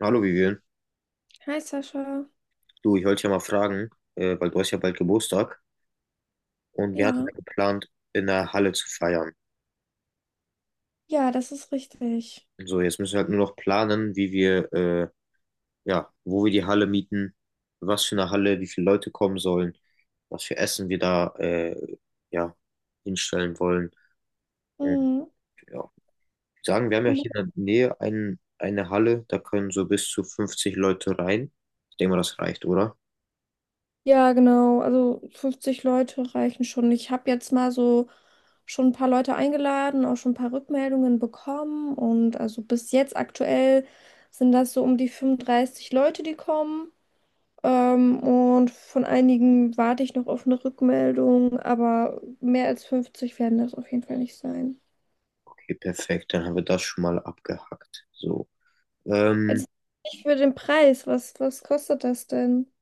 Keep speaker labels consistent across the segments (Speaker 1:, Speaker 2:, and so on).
Speaker 1: Hallo Vivian,
Speaker 2: Hi Sascha.
Speaker 1: du, ich wollte dich ja mal fragen, weil du hast ja bald Geburtstag und wir hatten ja
Speaker 2: Ja,
Speaker 1: geplant, in der Halle zu feiern.
Speaker 2: ja, das ist richtig.
Speaker 1: So, jetzt müssen wir halt nur noch planen, wie wir, ja, wo wir die Halle mieten, was für eine Halle, wie viele Leute kommen sollen, was für Essen wir da, ja, hinstellen wollen. Und
Speaker 2: Mhm.
Speaker 1: ja, ich sagen, wir haben ja hier in der Nähe eine Halle, da können so bis zu 50 Leute rein. Ich denke mal, das reicht, oder?
Speaker 2: Ja, genau. Also 50 Leute reichen schon. Ich habe jetzt mal so schon ein paar Leute eingeladen, auch schon ein paar Rückmeldungen bekommen. Und also bis jetzt aktuell sind das so um die 35 Leute, die kommen. Und von einigen warte ich noch auf eine Rückmeldung, aber mehr als 50 werden das auf jeden Fall nicht sein.
Speaker 1: Okay, perfekt, dann haben wir das schon mal abgehackt. So. Ähm,
Speaker 2: Jetzt nicht für den Preis. Was kostet das denn?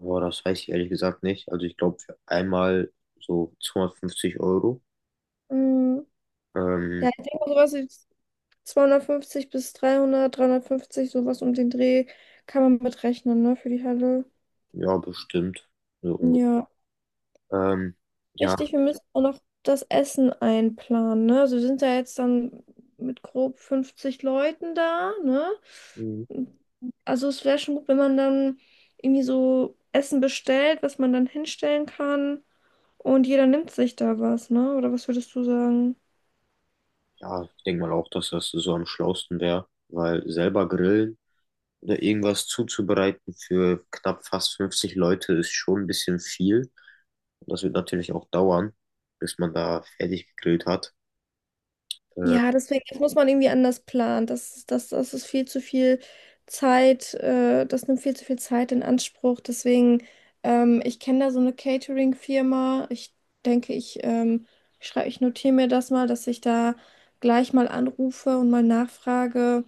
Speaker 1: Boah, das weiß ich ehrlich gesagt nicht. Also ich glaube für einmal so 250 Euro.
Speaker 2: Mhm. Ja,
Speaker 1: Ähm,
Speaker 2: ich denke mal, sowas wie 250 bis 300, 350, sowas um den Dreh kann man mitrechnen, ne, für die Halle.
Speaker 1: ja, bestimmt. So unge-
Speaker 2: Ja,
Speaker 1: ähm, ja,
Speaker 2: richtig, wir müssen auch noch das Essen einplanen, ne? Also wir sind ja jetzt dann mit grob 50 Leuten da, ne?
Speaker 1: Mhm.
Speaker 2: Also es wäre schon gut, wenn man dann irgendwie so Essen bestellt, was man dann hinstellen kann und jeder nimmt sich da was, ne? Oder was würdest du sagen?
Speaker 1: Ja, ich denke mal auch, dass das so am schlausten wäre, weil selber grillen oder irgendwas zuzubereiten für knapp fast 50 Leute ist schon ein bisschen viel. Und das wird natürlich auch dauern, bis man da fertig gegrillt hat. Äh,
Speaker 2: Ja, deswegen das muss man irgendwie anders planen. Das ist viel zu viel Zeit, das nimmt viel zu viel Zeit in Anspruch. Deswegen, ich kenne da so eine Catering-Firma. Ich denke, ich notiere mir das mal, dass ich da gleich mal anrufe und mal nachfrage,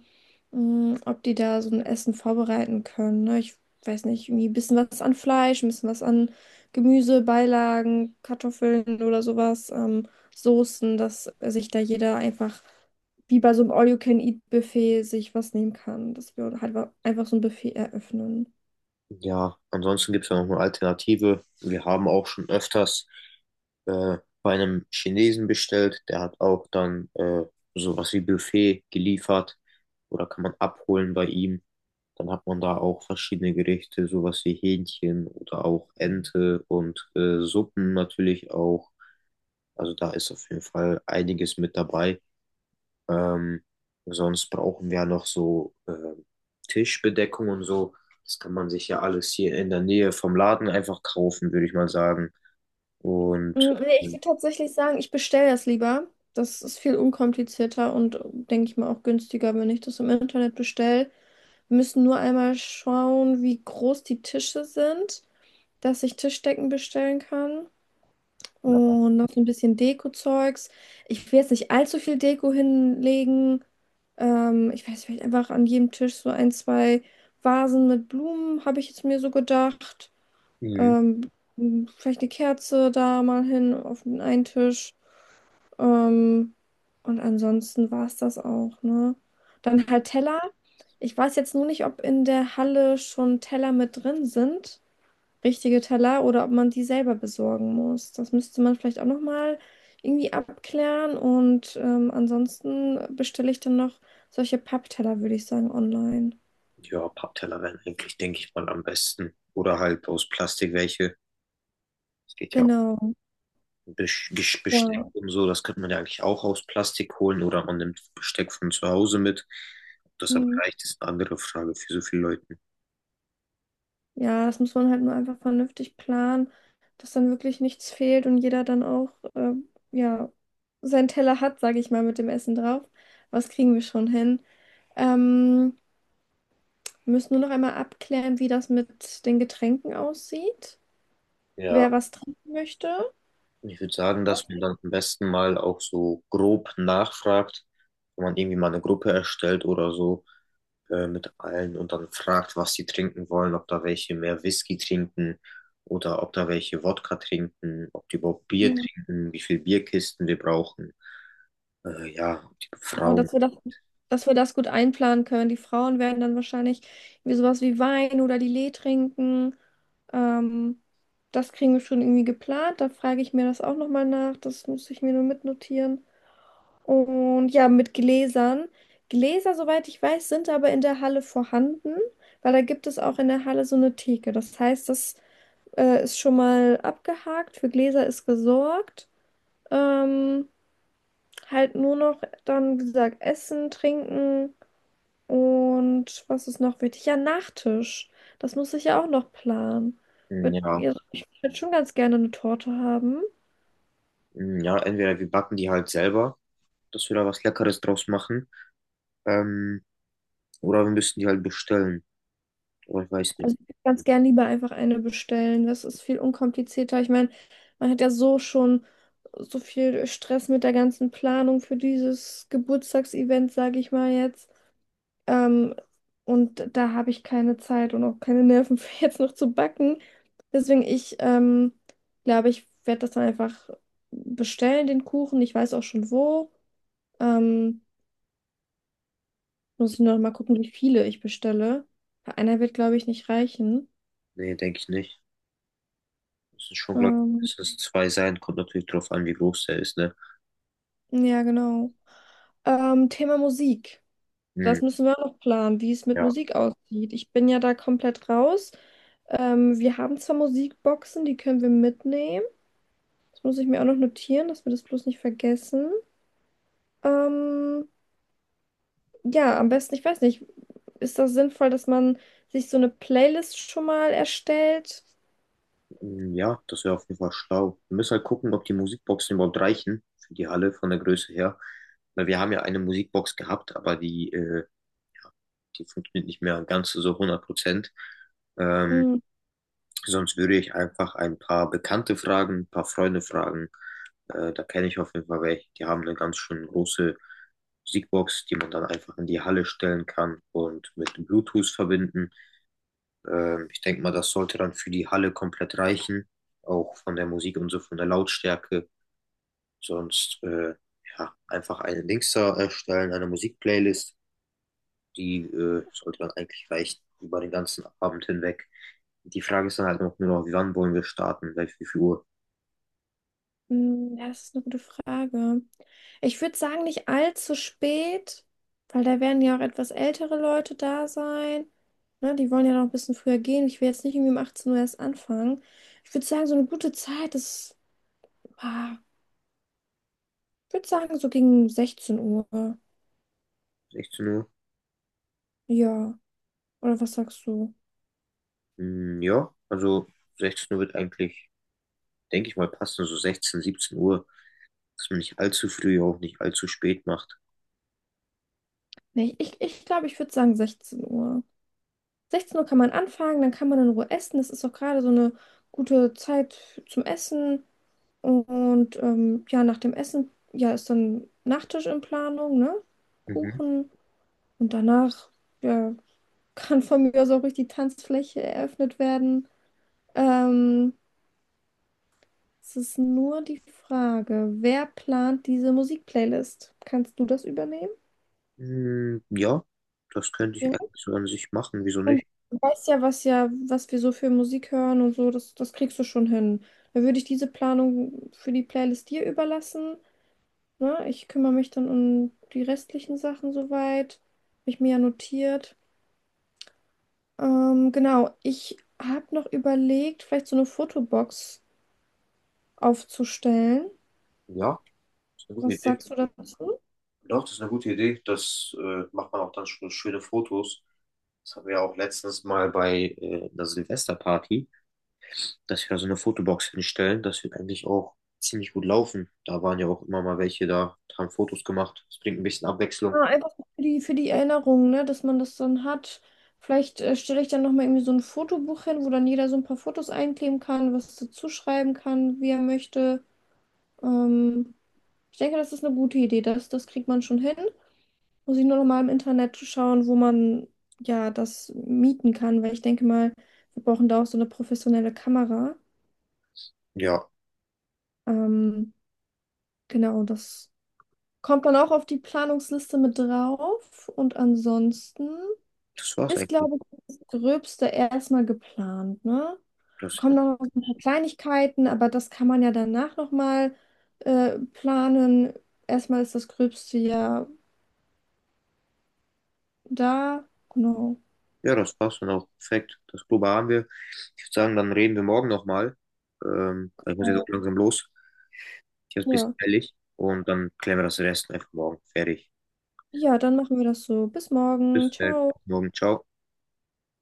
Speaker 2: ob die da so ein Essen vorbereiten können. Ne? Ich weiß nicht, irgendwie ein bisschen was an Fleisch, ein bisschen was an Gemüse, Beilagen, Kartoffeln oder sowas. Soßen, dass sich da jeder einfach wie bei so einem All-You-Can-Eat-Buffet sich was nehmen kann, dass wir halt einfach so ein Buffet eröffnen.
Speaker 1: ja, ansonsten gibt es ja noch eine Alternative. Wir haben auch schon öfters bei einem Chinesen bestellt. Der hat auch dann sowas wie Buffet geliefert oder kann man abholen bei ihm. Dann hat man da auch verschiedene Gerichte, sowas wie Hähnchen oder auch Ente und Suppen natürlich auch. Also da ist auf jeden Fall einiges mit dabei. Ähm, sonst brauchen wir ja noch so Tischbedeckung und so. Das kann man sich ja alles hier in der Nähe vom Laden einfach kaufen, würde ich mal sagen. Und
Speaker 2: Nee, ich würde tatsächlich sagen, ich bestelle das lieber. Das ist viel unkomplizierter und denke ich mal auch günstiger, wenn ich das im Internet bestelle. Wir müssen nur einmal schauen, wie groß die Tische sind, dass ich Tischdecken bestellen kann. Und noch so ein bisschen Deko-Zeugs. Ich will jetzt nicht allzu viel Deko hinlegen. Ich weiß, vielleicht einfach an jedem Tisch so ein, zwei Vasen mit Blumen, habe ich jetzt mir so gedacht.
Speaker 1: hm,
Speaker 2: Ähm, vielleicht eine Kerze da mal hin auf den einen Tisch. Ähm, und ansonsten war es das auch, ne? Dann halt Teller. Ich weiß jetzt nur nicht, ob in der Halle schon Teller mit drin sind, richtige Teller, oder ob man die selber besorgen muss. Das müsste man vielleicht auch nochmal irgendwie abklären. Und ansonsten bestelle ich dann noch solche Pappteller, würde ich sagen, online.
Speaker 1: ja, Pappteller wären eigentlich, denke ich mal, am besten. Oder halt aus Plastik welche. Es geht ja auch
Speaker 2: Genau.
Speaker 1: um Besteck
Speaker 2: Ja.
Speaker 1: und so. Das könnte man ja eigentlich auch aus Plastik holen. Oder man nimmt Besteck von zu Hause mit. Ob das aber
Speaker 2: Mhm.
Speaker 1: reicht, ist eine andere Frage für so viele Leute.
Speaker 2: Ja, das muss man halt nur einfach vernünftig planen, dass dann wirklich nichts fehlt und jeder dann auch äh, ja, seinen Teller hat, sage ich mal, mit dem Essen drauf. Was kriegen wir schon hin? Ähm, wir müssen nur noch einmal abklären, wie das mit den Getränken aussieht,
Speaker 1: Ja,
Speaker 2: wer was trinken möchte.
Speaker 1: ich würde sagen, dass man dann am besten mal auch so grob nachfragt, wenn man irgendwie mal eine Gruppe erstellt oder so, mit allen und dann fragt, was sie trinken wollen, ob da welche mehr Whisky trinken oder ob da welche Wodka trinken, ob die überhaupt Bier
Speaker 2: Mhm.
Speaker 1: trinken, wie viel Bierkisten wir brauchen. Ja, ob die
Speaker 2: Und
Speaker 1: Frauen,
Speaker 2: dass wir das gut einplanen können. Die Frauen werden dann wahrscheinlich irgendwie sowas wie Wein oder Lillet trinken. Ähm, das kriegen wir schon irgendwie geplant. Da frage ich mir das auch nochmal nach. Das muss ich mir nur mitnotieren. Und ja, mit Gläsern. Gläser, soweit ich weiß, sind aber in der Halle vorhanden, weil da gibt es auch in der Halle so eine Theke. Das heißt, das ist schon mal abgehakt. Für Gläser ist gesorgt. Ähm, Halt nur noch dann, wie gesagt, Essen, Trinken und was ist noch wichtig? Ja, Nachtisch. Das muss ich ja auch noch planen.
Speaker 1: hm, ja,
Speaker 2: Ja, ich würde schon ganz gerne eine Torte haben.
Speaker 1: hm, ja, entweder wir backen die halt selber, dass wir da was Leckeres draus machen, ähm, oder wir müssen die halt bestellen. Oder ich weiß nicht.
Speaker 2: Also ich würde ganz gern lieber einfach eine bestellen. Das ist viel unkomplizierter. Ich meine, man hat ja so schon so viel Stress mit der ganzen Planung für dieses Geburtstagsevent, sage ich mal jetzt. Ähm, und da habe ich keine Zeit und auch keine Nerven für jetzt noch zu backen. Deswegen, ich glaube, ich werde das dann einfach bestellen, den Kuchen. Ich weiß auch schon wo. Ähm, muss ich nur noch mal gucken, wie viele ich bestelle. Weil einer wird, glaube ich, nicht reichen.
Speaker 1: Nee, denke ich nicht. Müssen schon, glaube
Speaker 2: Ähm,
Speaker 1: ich, mindestens zwei sein. Kommt natürlich drauf an, wie groß der ist, ne?
Speaker 2: ja, genau. Thema Musik.
Speaker 1: Hm,
Speaker 2: Das müssen wir auch noch planen, wie es mit
Speaker 1: ja.
Speaker 2: Musik aussieht. Ich bin ja da komplett raus. Wir haben zwar Musikboxen, die können wir mitnehmen. Das muss ich mir auch noch notieren, dass wir das bloß nicht vergessen. Ähm, ja, am besten, ich weiß nicht, ist das sinnvoll, dass man sich so eine Playlist schon mal erstellt?
Speaker 1: Mm, ja, das wäre auf jeden Fall schlau. Wir müssen halt gucken, ob die Musikboxen überhaupt reichen für die Halle von der Größe her. Weil wir haben ja eine Musikbox gehabt, aber die, ja, die funktioniert nicht mehr ganz so 100%. Ähm,
Speaker 2: Hm,
Speaker 1: sonst würde ich einfach ein paar Bekannte fragen, ein paar Freunde fragen. Da kenne ich auf jeden Fall welche. Die haben eine ganz schön große Musikbox, die man dann einfach in die Halle stellen kann und mit Bluetooth verbinden. Ich denke mal, das sollte dann für die Halle komplett reichen, auch von der Musik und so, von der Lautstärke. Sonst äh, ja, Einfach eine Dings da erstellen, eine Musikplaylist, die sollte dann eigentlich reichen über den ganzen Abend hinweg. Die Frage ist dann halt noch nur noch, wie wann wollen wir starten? Gleich wie viel Uhr?
Speaker 2: ja, das ist eine gute Frage. Ich würde sagen, nicht allzu spät, weil da werden ja auch etwas ältere Leute da sein. Ne, die wollen ja noch ein bisschen früher gehen. Ich will jetzt nicht irgendwie um 18 Uhr erst anfangen. Ich würde sagen, so eine gute Zeit ist, ah, ich würde sagen, so gegen 16 Uhr.
Speaker 1: 16 Uhr?
Speaker 2: Ja, oder was sagst du?
Speaker 1: Hm, ja, also 16 Uhr wird eigentlich, denke ich mal, passen, so 16, 17 Uhr, dass man nicht allzu früh, auch nicht allzu spät macht.
Speaker 2: Nee, ich glaub, ich würde sagen 16 Uhr. 16 Uhr kann man anfangen, dann kann man in Ruhe essen. Das ist auch gerade so eine gute Zeit zum Essen. Und ja, nach dem Essen, ja, ist dann Nachtisch in Planung, ne?
Speaker 1: Mhm.
Speaker 2: Kuchen. Und danach, ja, kann von mir aus auch ruhig die Tanzfläche eröffnet werden. Ähm, es ist nur die Frage, wer plant diese Musikplaylist? Kannst du das übernehmen?
Speaker 1: Hm, ja, das könnte ich eigentlich so an sich machen. Wieso
Speaker 2: Und
Speaker 1: nicht?
Speaker 2: du weißt ja, was wir so für Musik hören und so, das kriegst du schon hin. Dann würde ich diese Planung für die Playlist dir überlassen. Ne? Ich kümmere mich dann um die restlichen Sachen soweit. Habe ich mir ja notiert. Genau, ich habe noch überlegt, vielleicht so eine Fotobox aufzustellen.
Speaker 1: Ja, das ist eine gute
Speaker 2: Was
Speaker 1: Idee.
Speaker 2: sagst du dazu?
Speaker 1: Doch, das ist eine gute Idee. Das macht man auch dann schon schöne Fotos. Das haben wir ja auch letztens mal bei einer Silvesterparty, dass wir da so eine Fotobox hinstellen. Das wird eigentlich auch ziemlich gut laufen. Da waren ja auch immer mal welche da, haben Fotos gemacht. Das bringt ein bisschen Abwechslung.
Speaker 2: Ja, einfach für die Erinnerung, ne, dass man das dann hat. Vielleicht stelle ich dann nochmal irgendwie so ein Fotobuch hin, wo dann jeder so ein paar Fotos einkleben kann, was dazu schreiben kann, wie er möchte. Ähm, ich denke, das ist eine gute Idee. Das kriegt man schon hin. Muss ich nur nochmal im Internet schauen, wo man ja das mieten kann, weil ich denke mal, wir brauchen da auch so eine professionelle Kamera.
Speaker 1: Ja,
Speaker 2: Ähm, genau, das kommt dann auch auf die Planungsliste mit drauf. Und ansonsten,
Speaker 1: das war's
Speaker 2: ist,
Speaker 1: eigentlich.
Speaker 2: glaube ich, das Gröbste erstmal geplant, ne?
Speaker 1: Das,
Speaker 2: Kommen noch ein paar Kleinigkeiten, aber das kann man ja danach nochmal planen. Erstmal ist das Gröbste ja da. Genau.
Speaker 1: ja, das war's dann auch. Perfekt. Das Probe haben wir. Ich würde sagen, dann reden wir morgen nochmal. Weil ich muss jetzt auch langsam los. Ich habe es ein bisschen
Speaker 2: Ja.
Speaker 1: eilig und dann klären wir das Rest einfach morgen. Fertig.
Speaker 2: Ja, dann machen wir das so. Bis morgen.
Speaker 1: Bis
Speaker 2: Ciao.
Speaker 1: morgen. Ciao.